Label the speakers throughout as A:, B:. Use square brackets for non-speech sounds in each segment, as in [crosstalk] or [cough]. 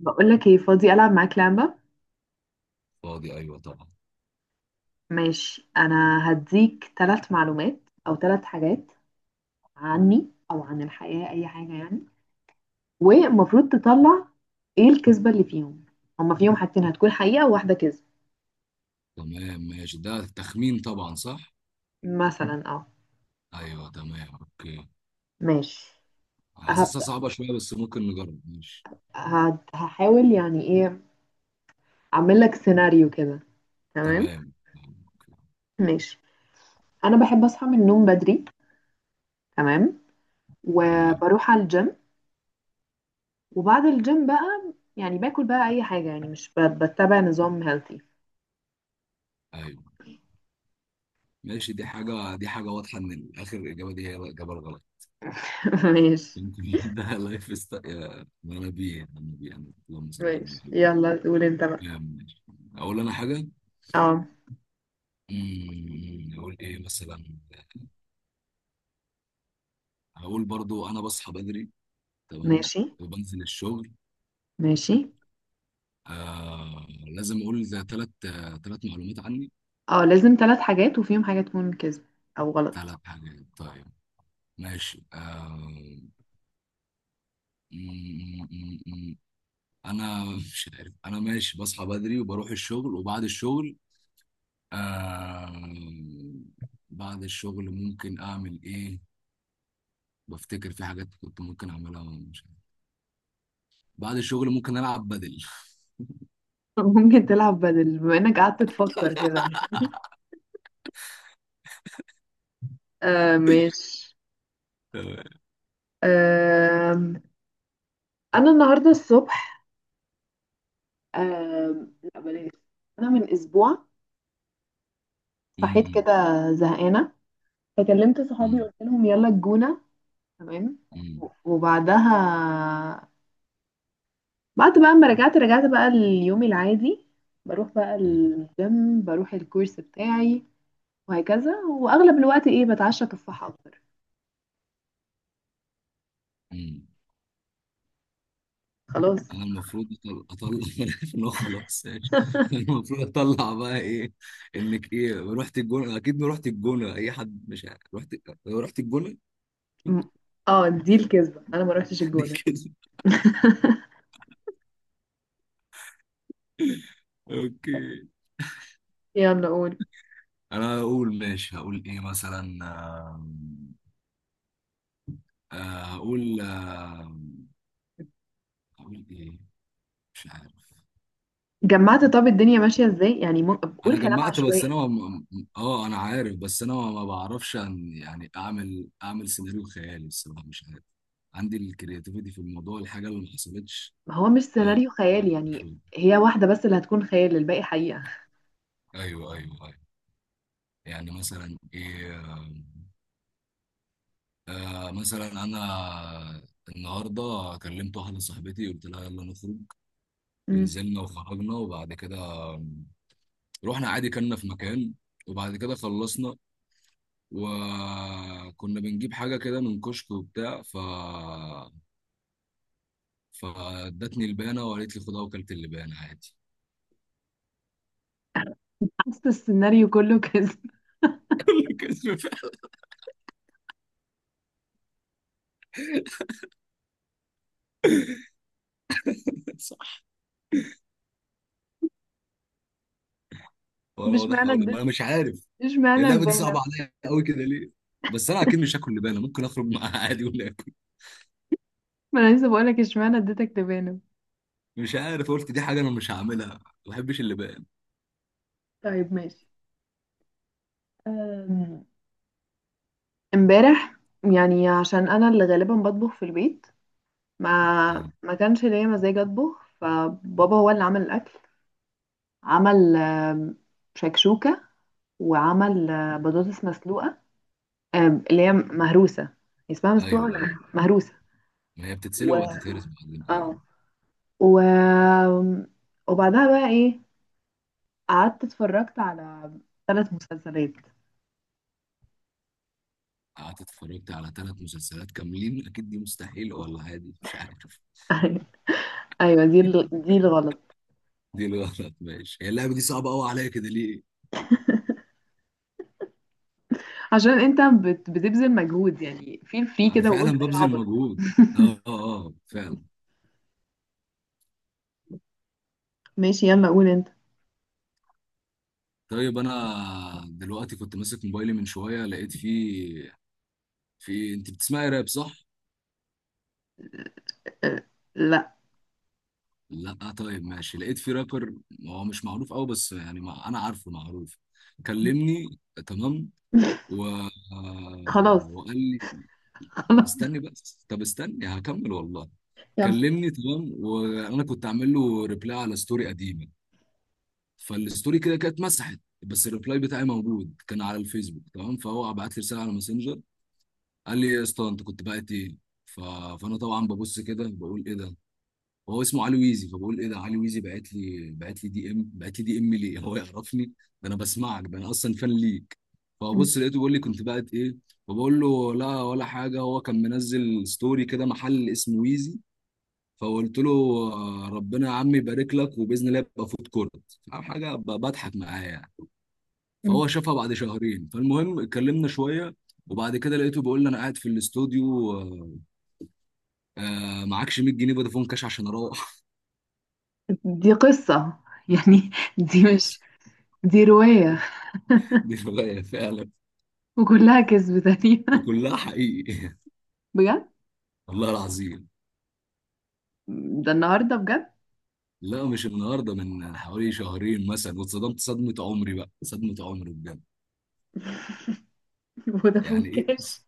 A: بقولك ايه، فاضي ألعب معاك لعبة؟
B: فاضي، ايوه طبعا.
A: ماشي، أنا هديك 3 معلومات أو 3 حاجات عني أو عن الحياة، أي حاجة يعني، والمفروض تطلع ايه الكذبة اللي فيهم. هما فيهم حاجتين هتكون حقيقة وواحدة كذب.
B: تمام، ماشي، ده تخمين طبعا، صح.
A: مثلا، اه،
B: ايوه، تمام، اوكي.
A: ماشي،
B: حاسسها
A: هبدأ.
B: صعبة شوية بس ممكن نجرب. ماشي،
A: هحاول يعني ايه، أعمل لك سيناريو كده، تمام،
B: تمام، أوكي.
A: ماشي. أنا بحب أصحى من النوم بدري، تمام،
B: تمام،
A: وبروح على الجيم، وبعد الجيم بقى يعني باكل بقى أي حاجة يعني، مش بتبع نظام healthy.
B: ايوه ماشي. دي حاجة واضحة ان اخر الاجابة دي هي الاجابة الغلط.
A: [laughs] ماشي،
B: يمكن [laughs] ده لايف ست يا منابي منابي، انا اللهم صل على النبي
A: ماشي،
B: عليه.
A: يلا قول انت بقى.
B: تمام، ماشي. اقول انا حاجة.
A: اه،
B: اقول ايه مثلا؟ هقول برضو انا بصحى بدري. تمام.
A: ماشي،
B: وبنزل الشغل.
A: ماشي،
B: لازم اقول 3، 3 معلومات عني.
A: اه لازم 3 حاجات وفيهم حاجة تكون كذب او غلط.
B: 3 حاجات، طيب. ماشي. آه م- م- م- م. انا مش عارف. انا ماشي بصحى بدري وبروح الشغل وبعد الشغل، آه بعد الشغل ممكن اعمل ايه. بفتكر في حاجات كنت ممكن اعملها، مش عارف. بعد الشغل ممكن العب بدل [laughs]
A: [laughs] ممكن تلعب بدل، بما انك قعدت تفكر كده، آه، ماشي.
B: تمام.
A: آم، انا النهارده الصبح، لا بلاش، انا من اسبوع صحيت كده
B: م-
A: زهقانه، فكلمت صحابي
B: م-
A: قلت لهم يلا الجونه، تمام.
B: م-
A: وبعدها، بعد بقى ما رجعت، رجعت بقى اليوم العادي، بروح بقى
B: م-
A: الجيم، بروح الكورس بتاعي، وهكذا، واغلب الوقت ايه بتعشى تفاحة اكتر،
B: م- م-
A: خلاص.
B: انا المفروض اطلع [laughs] انا عارف ان هو [laughs] خلاص، ماشي. أنا المفروض اطلع بقى ايه؟ انك ايه رحت الجونه، اكيد ما رحت الجونه، اي حد مش عارف. رحت الجونه.
A: م- اه، دي الكذبة، انا ما روحتش
B: [laughs] دي
A: الجونة.
B: كده.
A: [laughs]
B: اوكي.
A: يلا قول.
B: انا هقول، ماشي هقول ايه مثلا. آم، آه، هقول هقول ايه؟ مش عارف.
A: جمعت، طب الدنيا ماشية ازاي يعني،
B: انا
A: بقول كلام
B: جمعت، بس
A: عشوائي.
B: انا اه انا عارف، بس انا ما بعرفش أن يعني اعمل سيناريو خيالي الصراحه، مش عارف عندي الكرياتيفيتي في الموضوع، الحاجه اللي ما حصلتش.
A: ما هو مش
B: آه،
A: سيناريو خيالي يعني، هي واحدة بس اللي هتكون خيال، الباقي حقيقة.
B: ايوه ايوه ايوه. يعني مثلا ايه؟ مثلا انا النهارده كلمت واحده صاحبتي قلت لها يلا نخرج.
A: مم.
B: ونزلنا وخرجنا وبعد كده رحنا عادي كلنا في مكان، وبعد كده خلصنا وكنا بنجيب حاجه كده من كشك وبتاع. فادتني البانه وقالت لي خدها، وكلت اللبانه عادي.
A: حاسة السيناريو كله كذب.
B: [laughs] كان في فعلا، صح.
A: [laughs] طب
B: وانا واضح
A: اشمعنى
B: ما
A: اديت،
B: انا مش عارف،
A: اشمعنى
B: اللعبه دي
A: البانة.
B: صعبه عليا قوي كده ليه. بس انا اكيد مش هاكل لبانه، ممكن اخرج معاها [laughs] عادي ولا اكل.
A: ما انا لسه بقولك اشمعنى اديتك تبانة.
B: مش عارف، قلت دي حاجه انا مش هعملها، ما بحبش اللبان.
A: طيب ماشي، أم، امبارح، يعني عشان انا اللي غالبا بطبخ في البيت، ما
B: مم.
A: ما كانش ليا مزاج اطبخ، فبابا هو اللي عمل الاكل. عمل شكشوكة، وعمل بطاطس مسلوقة، اللي هي مهروسة يعني. اسمها مسلوقة
B: ايوه ايوه،
A: ولا مهروسة؟
B: ما هي بتتسلق
A: مهروسة.
B: وهتتهرس بعدين،
A: و اه
B: ايوه.
A: و وبعدها بقى ايه، قعدت اتفرجت على 3 مسلسلات.
B: قعدت اتفرجت على 3 مسلسلات كاملين، اكيد دي مستحيل ولا عادي، مش عارف.
A: [laughs] ايوه، دي الغلط.
B: [laughs] دي الغلط، ماشي. هي اللعبه دي صعبه قوي عليا كده ليه.
A: عشان انت بتبذل مجهود يعني، في
B: انا
A: كده، وقول إيه
B: فعلا ببذل
A: العبط.
B: مجهود. اه اه فعلا.
A: ماشي، يلا قول انت.
B: طيب انا دلوقتي كنت ماسك موبايلي من شويه، لقيت فيه، في انت بتسمعي راب، صح؟
A: آه، لا،
B: لا طيب، ماشي. لقيت في رابر، هو مش معروف قوي بس يعني ما انا عارفه معروف. كلمني، تمام.
A: [laughs]
B: و...
A: خلاص،
B: وقال لي، طب
A: خلاص،
B: استني بس، طب استني هكمل والله.
A: يلا،
B: كلمني، تمام. وانا كنت عامل له ريبلاي على ستوري قديمه، فالستوري كده كانت مسحت بس الريبلاي بتاعي موجود كان على الفيسبوك، تمام. فهو بعت لي رساله على ماسنجر قال لي يا اسطى انت كنت بعت ايه. ف... فانا طبعا ببص كده بقول ايه ده، وهو اسمه علي ويزي، فبقول ايه ده علي ويزي بعت لي، بعت لي دي ام، بعت لي دي ام ليه؟ [laughs] هو يعرفني، ده انا بسمعك، ده انا اصلا فان ليك. فبص لقيته بيقول لي كنت بقت ايه. فبقول له لا ولا حاجه، هو كان منزل ستوري كده محل اسمه ويزي، فقلت له ربنا يا عم يبارك لك، وباذن الله يبقى فود كورت أو حاجه، بضحك معاه يعني. فهو شافها بعد شهرين، فالمهم اتكلمنا شويه. وبعد كده لقيته بيقول لي انا قاعد في الاستوديو، معكش 100 جنيه فودافون كاش عشان اروح.
A: دي قصة يعني،
B: [laughs] دي
A: دي مش
B: كارثة.
A: دي رواية،
B: دي فعلا.
A: وكلها كذب تقريبا،
B: وكلها حقيقي،
A: بجد.
B: [laughs] والله العظيم.
A: ده النهاردة بجد.
B: لا مش النهارده، من حوالي شهرين مثلا، واتصدمت صدمه عمري بقى صدمه عمري بجد.
A: [laughs] فودافون
B: يعني ايه
A: كاش.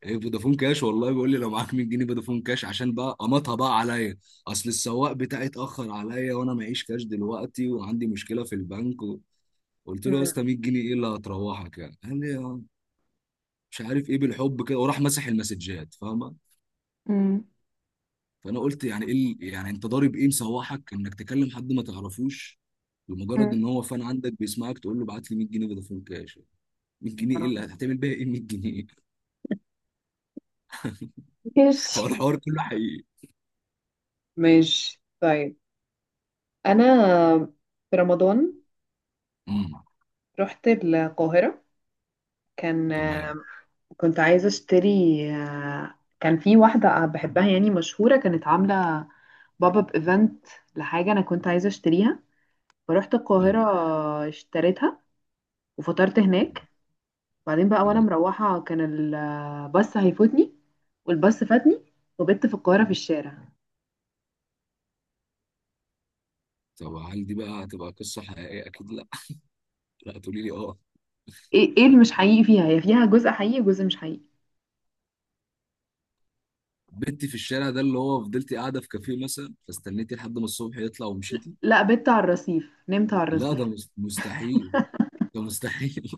B: ايه فودافون كاش؟ والله بيقول لي لو معاك 100 جنيه فودافون كاش عشان بقى قمطها بقى عليا، اصل السواق بتاعي اتاخر عليا وانا معيش كاش دلوقتي وعندي مشكله في البنك، و... قلت له يا
A: مم.
B: اسطى، 100 جنيه ايه اللي هتروحك يعني؟ قال لي مش عارف ايه بالحب كده، وراح مسح المسجات، فاهمه؟
A: مم.
B: فانا قلت يعني ايه يعني انت ضارب ايه مسوحك انك تكلم حد ما تعرفوش، لمجرد
A: مم.
B: ان هو فان عندك بيسمعك تقول له ابعت لي 100 جنيه فودافون كاش. 100 جنيه ايه اللي
A: آه.
B: هتعمل بيها، ايه 100 جنيه؟ [laughs]
A: ماشي،
B: فهو الحوار كله حقيقي.
A: ماشي طيب. أنا في رمضان
B: امم،
A: رحت القاهرة، كان
B: تمام.
A: كنت عايزة اشتري، كان في واحدة بحبها يعني مشهورة، كانت عاملة باب اب ايفنت لحاجة انا كنت عايزة اشتريها، فروحت
B: أيوة،
A: القاهرة اشتريتها وفطرت هناك. بعدين بقى وانا
B: تمام.
A: مروحة، كان الباص هيفوتني، والباص فاتني، وبت في القاهرة في الشارع.
B: طب هل دي بقى هتبقى قصه حقيقيه؟ اكيد لا. [laughs] لا تقولي لي اه.
A: ايه، ايه اللي مش حقيقي فيها؟ هي فيها جزء حقيقي وجزء مش حقيقي.
B: بنتي في الشارع ده اللي هو فضلت قاعده في كافيه مثلا، فاستنيتي لحد ما الصبح يطلع ومشيتي.
A: لا، بت على الرصيف، نمت على
B: لا ده
A: الرصيف.
B: مستحيل، ده مستحيل.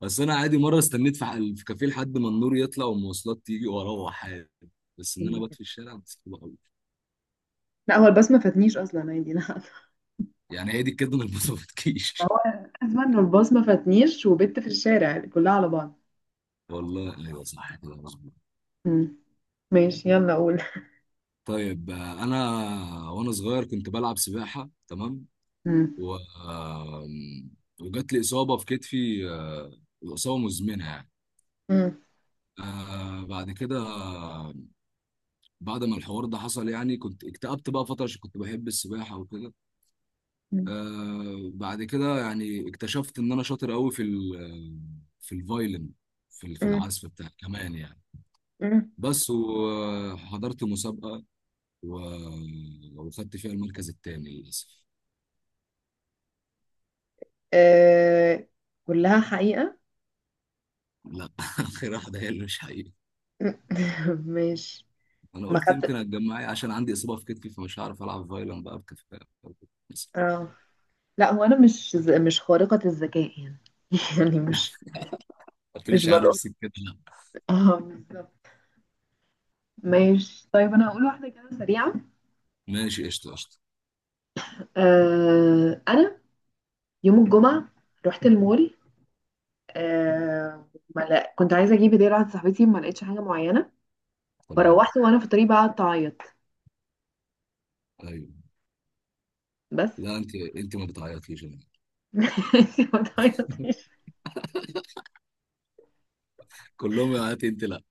B: بس انا عادي مره استنيت في في كافيه لحد ما النور يطلع والمواصلات تيجي واروح عادي، بس ان انا بات في الشارع، بس حلوة قوي.
A: لا، هو الباص ما فاتنيش اصلا عادي، لا [laughs]
B: يعني هي دي الكده اللي ما بتكيش.
A: هو
B: [laughs]
A: الازمه انه الباص ما فاتنيش وبت في الشارع كلها على بعض.
B: والله ايوه، صح كده، مظبوط.
A: مم. ماشي، يلا قول.
B: طيب انا وانا صغير كنت بلعب سباحه، تمام.
A: مم.
B: و وجات لي اصابه في كتفي، اصابه مزمنه يعني.
A: مم.
B: بعد كده، بعد ما الحوار ده حصل يعني، كنت اكتئبت بقى فتره عشان كنت بحب السباحه وكده.
A: مم.
B: بعد كده يعني اكتشفت ان انا شاطر قوي في في الفايلن، في
A: مم.
B: العزف بتاع كمان يعني.
A: مم.
B: بس وحضرت مسابقة، وخدت فيها المركز الثاني للأسف.
A: آه. كلها حقيقة.
B: لا [laughs] آخر واحدة هي اللي مش حقيقي.
A: مم. [laughs] ماشي.
B: أنا
A: ما
B: قلت يمكن
A: خدت،
B: هتجمعي عشان عندي إصابة في كتفي، فمش هعرف ألعب فايلن بقى بكفاءة، بس.
A: اه، لا هو انا مش مش خارقة الذكاء يعني، [laughs] يعني مش
B: ما
A: مش
B: تقوليش على
A: بلقط،
B: نفسك كده لا.
A: اه، بالظبط. ماشي طيب، انا هقول واحدة كده سريعة،
B: ماشي، قشطة قشطة.
A: آه. انا يوم الجمعة رحت المول، آه. ما لا- كنت عايزة اجيب هدية لواحدة صاحبتي، ما لقيتش حاجة معينة،
B: تمام.
A: فروحت وانا في الطريق بقى قعدت اعيط
B: أيوه.
A: بس.
B: لا، أنت أنت ما بتعيطيش أنا.
A: [laughs] ماشي، ما
B: [laughs]
A: تعيطيش.
B: كلهم يعيطوا، أنت لا.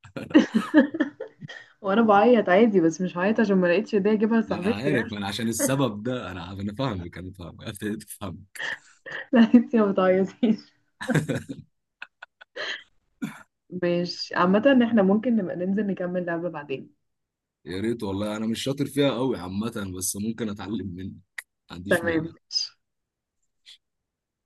A: وانا بعيط عادي بس، مش هعيط عشان ما لقيتش هديه اجيبها
B: انا
A: لصاحبتي يعني.
B: عارف، انا عشان السبب ده انا فاهمك ابتديت افهم.
A: [laughs] لا انتي ما بتعيطيش. ماشي عامة، احنا ممكن نبقى ننزل نكمل لعبة بعدين،
B: يا ريت والله، انا مش شاطر فيها قوي عامه، بس ممكن اتعلم منك، ما عنديش
A: تمام.
B: مانع.